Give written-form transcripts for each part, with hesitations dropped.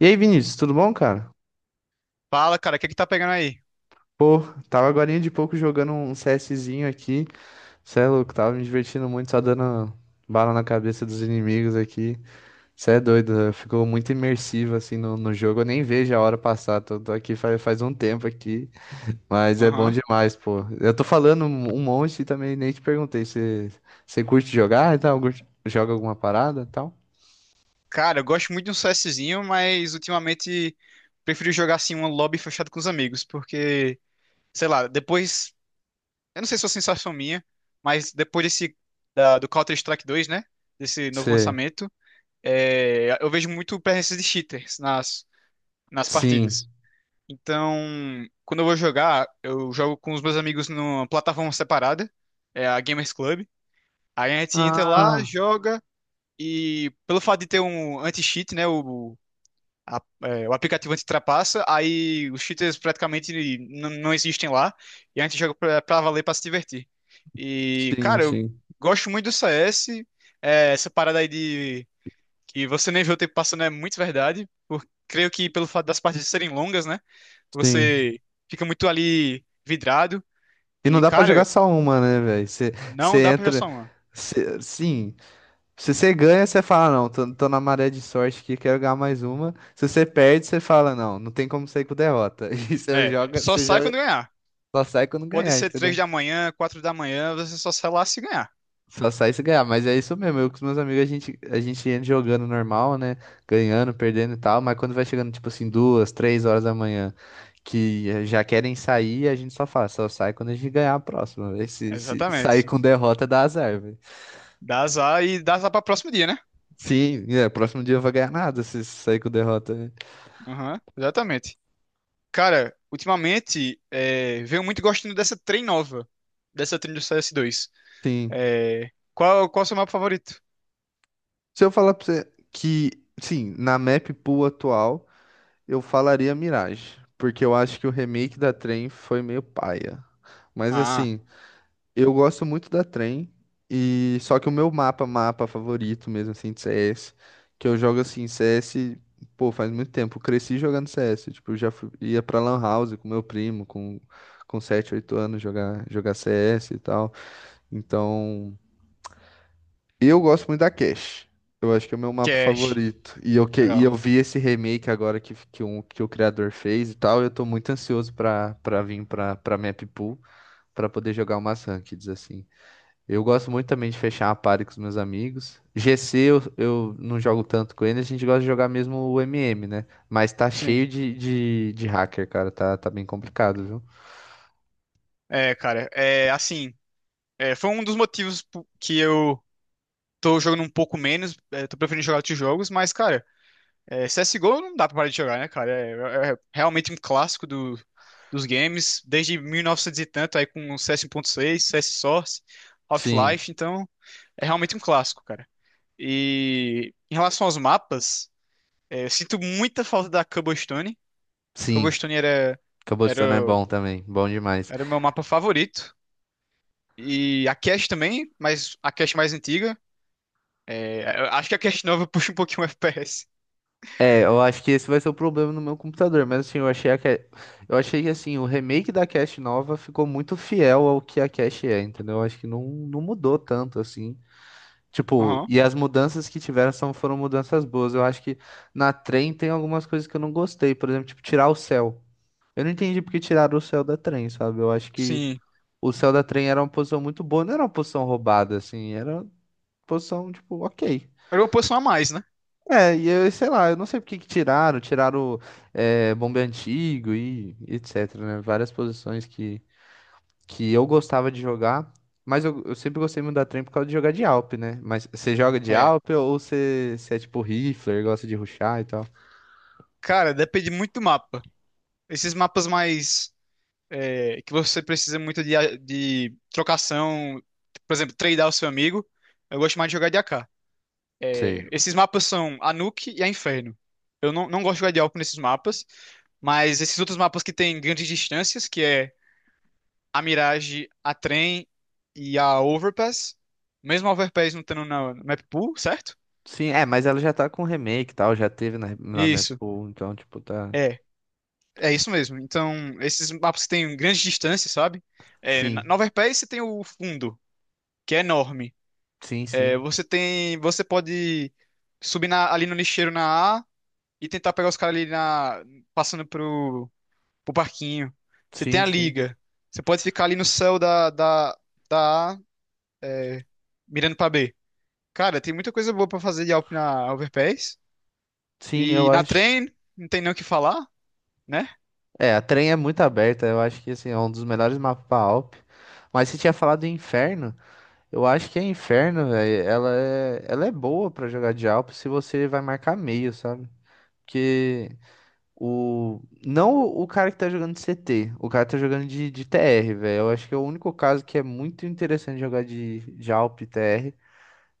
E aí, Vinícius, tudo bom, cara? Fala, cara, o que é que tá pegando aí? Pô, tava agorinha de pouco jogando um CSzinho aqui. Cê é louco, tava me divertindo muito, só dando bala na cabeça dos inimigos aqui. Cê é doido, ficou muito imersivo assim no jogo. Eu nem vejo a hora passar, tô aqui faz um tempo aqui, mas é bom demais, pô. Eu tô falando um monte e também nem te perguntei se você curte jogar e tal, joga alguma parada e tal? Cara, eu gosto muito de um CSzinho, mas ultimamente prefiro jogar assim um lobby fechado com os amigos, porque, sei lá, depois, eu não sei se é uma sensação minha, mas depois do Counter-Strike 2, né, desse novo Sei. lançamento, eu vejo muito presença de cheaters nas Sim. partidas. Então, quando eu vou jogar, eu jogo com os meus amigos numa plataforma separada, é a Gamers Club. Aí a gente entra lá, Ah, joga. E pelo fato de ter um anti-cheat, né? O aplicativo anti-trapaça, aí os cheaters praticamente não existem lá. E a gente joga pra valer, pra se divertir. E, sim, cara, eu sim, gosto muito do CS. Essa parada aí de que você nem vê o tempo passando é muito verdade. Creio que pelo fato das partidas serem longas, né? sim. Você fica muito ali vidrado. E não E, dá pra jogar cara, só uma, né, velho? Você não você dá pra jogar entra. só uma. Sim. Se você ganha, você fala, não, tô na maré de sorte aqui, quero ganhar mais uma. Se você perde, você fala, não, não tem como sair com derrota. E você É, joga, só sai quando ganhar. só sai quando Pode ganhar, ser entendeu? 3 da manhã, 4 da manhã, você só sai lá se ganhar. Só sai se ganhar, mas é isso mesmo. Eu com os meus amigos, a gente entra jogando normal, né? Ganhando, perdendo e tal, mas quando vai chegando, tipo assim, 2, 3 horas da manhã, que já querem sair, a gente só fala, só sai quando a gente ganhar a próxima, véi. Se sair Exatamente. com derrota, dá azar, velho. Dá azar e dá azar para próximo dia, né? Sim, é, próximo dia vai ganhar nada se sair com derrota, né? Aham, exatamente. Cara, ultimamente, venho muito gostando dessa trem nova, dessa trem do CS2. Sim. Qual é o seu mapa favorito? Se eu falar pra você que, sim, na map pool atual, eu falaria Mirage, porque eu acho que o remake da Trem foi meio paia. Mas Ah, assim, eu gosto muito da Trem e só que o meu mapa favorito mesmo assim de CS, que eu jogo assim CS, pô, faz muito tempo, eu cresci jogando CS, tipo, ia pra LAN house com meu primo, com 7 8 anos jogar CS e tal. Então, eu gosto muito da Cash. Eu acho que é o meu mapa Cash. favorito. E eu, que, e Legal. eu vi esse remake agora que o criador fez e tal. Eu tô muito ansioso pra vir pra Map Pool pra poder jogar umas rankeds assim. Eu gosto muito também de fechar a party com os meus amigos. GC eu não jogo tanto com ele, a gente gosta de jogar mesmo o MM, né? Mas tá Sim. cheio de hacker, cara. Tá bem complicado, viu? Cara, é assim, foi um dos motivos que eu tô jogando um pouco menos, tô preferindo jogar outros jogos, mas, cara, CSGO não dá pra parar de jogar, né, cara? É realmente um clássico dos games, desde 1900 e novecentos e tanto, aí com o CS 1.6, CS Source, Sim, Half-Life, então é realmente um clássico, cara. E em relação aos mapas, eu sinto muita falta da Cobblestone. sim. Cobblestone era, Cabotão é bom também. Bom demais. era o meu mapa favorito. E a Cache também, mas a Cache mais antiga. Eu acho que a Cache nova puxa um pouquinho o FPS. É, eu acho que esse vai ser o problema no meu computador, mas assim, eu achei que assim, o remake da cache nova ficou muito fiel ao que a cache é, entendeu? Eu acho que não, não mudou tanto assim. Tipo, Aham, e as mudanças que tiveram são, foram mudanças boas. Eu acho que na Trem tem algumas coisas que eu não gostei, por exemplo, tipo, tirar o céu. Eu não entendi porque tiraram o céu da Trem, sabe? Eu acho que sim. o céu da Trem era uma posição muito boa, não era uma posição roubada assim, era uma posição tipo, OK. Era uma posição a mais, né? É, e eu sei lá, eu não sei por que que tiraram bombe antigo e etc, né? Várias posições que eu gostava de jogar, mas eu sempre gostei muito da trem por causa de jogar de Alp, né? Mas você joga de É. Alp ou você é tipo rifler, gosta de rushar e tal? Cara, depende muito do mapa. Esses mapas mais que você precisa muito de trocação, por exemplo, tradear o seu amigo, eu gosto mais de jogar de AK. Sei. Esses mapas são Anuk e a Inferno. Eu não gosto de jogar de Alco nesses mapas, mas esses outros mapas que tem grandes distâncias, que é a Mirage, a Trem e a Overpass, mesmo a Overpass não estando na no map pool, certo? Sim, é, mas ela já tá com remake e tal, já teve na minha Isso. pool, então tipo tá... É. É isso mesmo. Então, esses mapas que têm grandes distâncias, sabe? É, na Sim, na Overpass você tem o fundo, que é enorme. sim, sim, Você tem, você pode subir ali no lixeiro na A e tentar pegar os caras ali passando pro barquinho. Você tem sim, a sim. liga. Você pode ficar ali no céu da A, é, mirando pra B. Cara, tem muita coisa boa pra fazer de Alp na Overpass. Sim, eu E na acho. Train, não tem nem o que falar, né? É, a Trem é muito aberta, eu acho que assim, é um dos melhores mapas pra Alp. Mas você tinha falado em Inferno, eu acho que a Inferno, velho, ela é boa pra jogar de Alp se você vai marcar meio, sabe? Porque o. Não o cara que tá jogando de CT, o cara que tá jogando de TR, velho. Eu acho que é o único caso que é muito interessante jogar de Alp TR,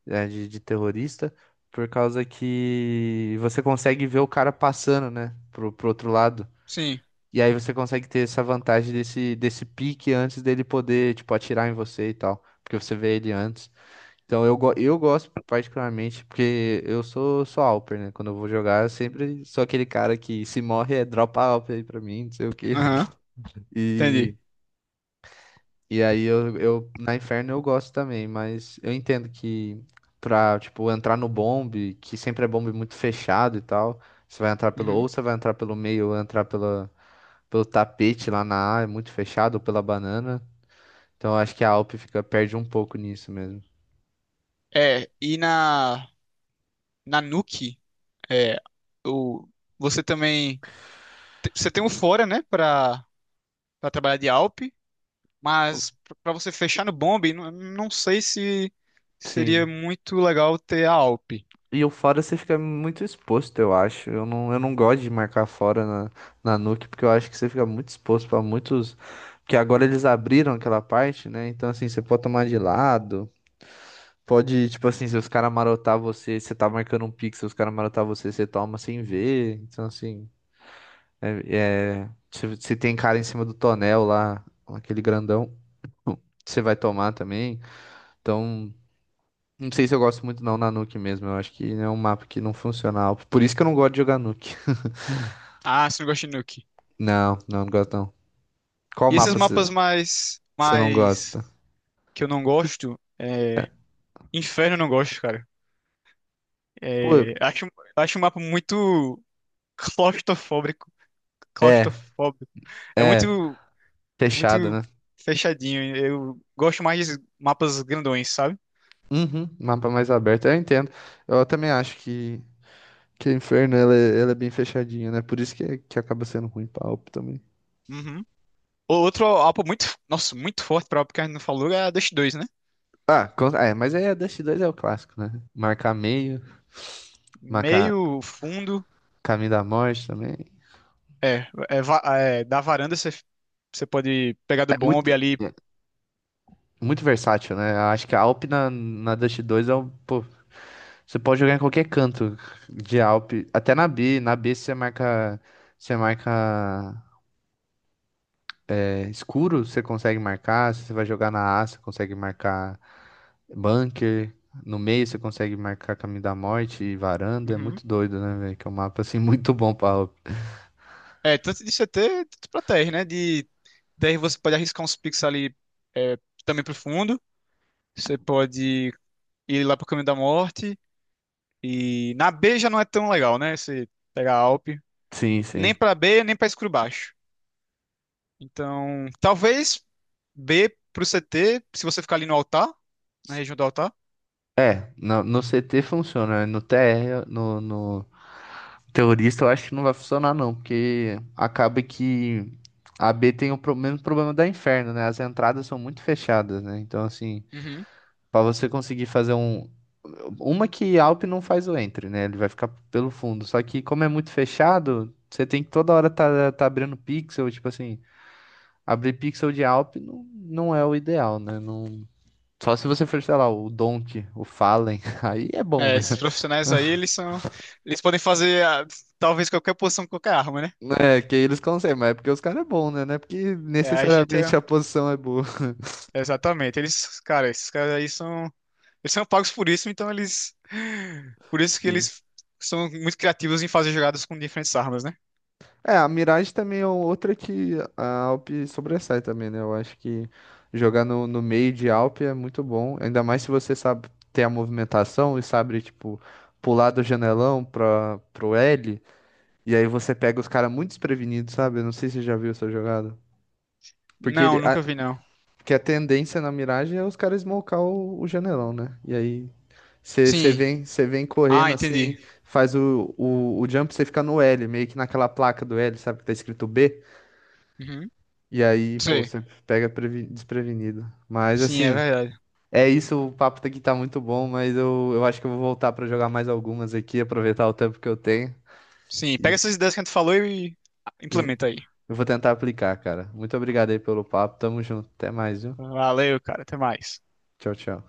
né, de terrorista, por causa que você consegue ver o cara passando, né, pro outro lado. Sim. E aí você consegue ter essa vantagem desse pique antes dele poder, tipo, atirar em você e tal. Porque você vê ele antes. Então eu gosto particularmente, porque eu sou Alper, né? Quando eu vou jogar, eu sempre sou aquele cara que se morre é dropa Alper aí pra mim, não sei o quê. Aham, E, entendi. e aí na Inferno eu gosto também, mas eu entendo que pra, tipo, entrar no bombe, que sempre é bombe muito fechado e tal, você vai entrar pelo, Uhum. ou você vai entrar pelo meio, ou entrar pela pelo tapete lá na A, é muito fechado, ou pela banana. Então eu acho que a Alp fica, perde um pouco nisso mesmo. E na Nuke, é, o, você também. Você tem um fora, né, pra, trabalhar de Alp, mas pra você fechar no Bomb, não sei se seria Sim. muito legal ter a Alp. E o fora você fica muito exposto, eu acho. Eu não gosto de marcar fora na Nuke, porque eu acho que você fica muito exposto para muitos. Porque agora eles abriram aquela parte, né? Então, assim, você pode tomar de lado. Pode, tipo assim, se os caras marotar você, você tá marcando um pixel, os caras marotar você, você toma sem ver. Então, assim, é, se tem cara em cima do tonel lá, aquele grandão, você vai tomar também. Então, não sei se eu gosto muito não na Nuke mesmo. Eu acho que é um mapa que não funciona. Por isso que eu não gosto de jogar Nuke. Ah, você não gosta de Nuke. Não, não, não gosto não. Qual E esses mapa você mapas mais, você não mais gosta? que eu não gosto, Inferno eu não gosto, cara. Pô, É, acho, acho um mapa muito claustrofóbico. é, Claustrofóbico. É é, muito, fechado, muito né? fechadinho. Eu gosto mais de mapas grandões, sabe? Uhum, mapa mais aberto, eu entendo. Eu também acho que o Inferno ela é bem fechadinha, né? Por isso que acaba sendo ruim pra AWP também. Uhum. Outro AWPA muito, nossa, muito forte pra AWPA que a gente não falou é a Dust 2, né? Ah, é, mas aí a Dust 2 é o clássico, né? Marcar meio, marcar Meio fundo, caminho da morte também. Da varanda você pode pegar do É muito. bombe ali. é, Muito versátil, né? Eu acho que a Alp na Dust 2 é um. Pô, você pode jogar em qualquer canto de Alp. Até na B. Na B você marca. Você marca escuro, você consegue marcar. Se você vai jogar na A, você consegue marcar bunker. No meio você consegue marcar caminho da morte e varanda. É Uhum. muito doido, né, velho? Que é um mapa assim muito bom pra Alp. Tanto de CT, tanto pra terra, né? De terra você pode arriscar uns picks ali, é, também pro fundo, você pode ir lá pro caminho da morte, e na B já não é tão legal, né? Você pegar a AWP, Sim, nem sim. pra B, nem pra escuro baixo. Então, talvez B pro CT, se você ficar ali no altar, na região do altar. É, no CT funciona, né? No TR, no, no, terrorista eu acho que não vai funcionar não, porque acaba que a B tem o mesmo problema da Inferno, né? As entradas são muito fechadas, né? Então, assim, Uhum. pra você conseguir fazer um... Uma que Alp não faz o entre, né? Ele vai ficar pelo fundo. Só que como é muito fechado, você tem que toda hora tá abrindo pixel, tipo assim, abrir pixel de Alp não, não é o ideal, né? Não... Só se você for, sei lá, o Donk, o Fallen, aí é bom, né? Esses profissionais aí, eles são. Eles podem fazer talvez qualquer posição com qualquer arma, né? É, que eles conseguem, mas é porque os caras é bom, né? Não é porque É, a gente é. necessariamente a posição é boa. Exatamente. Eles, cara, esses caras aí são. Eles são pagos por isso, então eles. Por isso que Assim. eles são muito criativos em fazer jogadas com diferentes armas, né? É, a Mirage também é outra que a Alp sobressai também, né? Eu acho que jogar no meio de Alp é muito bom, ainda mais se você sabe ter a movimentação e sabe, tipo, pular do janelão pra, pro L, e aí você pega os caras muito desprevenidos, sabe? Eu não sei se você já viu essa jogada. Porque ele, Não, nunca a, vi, não. que a tendência na Mirage é os caras smocar o janelão, né? E aí Você você Sim. vem, você vem Ah, correndo assim, entendi. faz o jump, você fica no L, meio que naquela placa do L, sabe, que tá escrito B. Uhum. Não E aí, pô, sei. você pega desprevenido. Mas Sim, é assim, verdade. é isso, o papo aqui tá muito bom, mas eu acho que eu vou voltar pra jogar mais algumas aqui, aproveitar o tempo que eu tenho. Sim, pega E essas ideias que a gente falou e eu, implementa aí. eu vou tentar aplicar, cara. Muito obrigado aí pelo papo, tamo junto. Até mais, viu? Valeu, cara. Até mais. Tchau, tchau.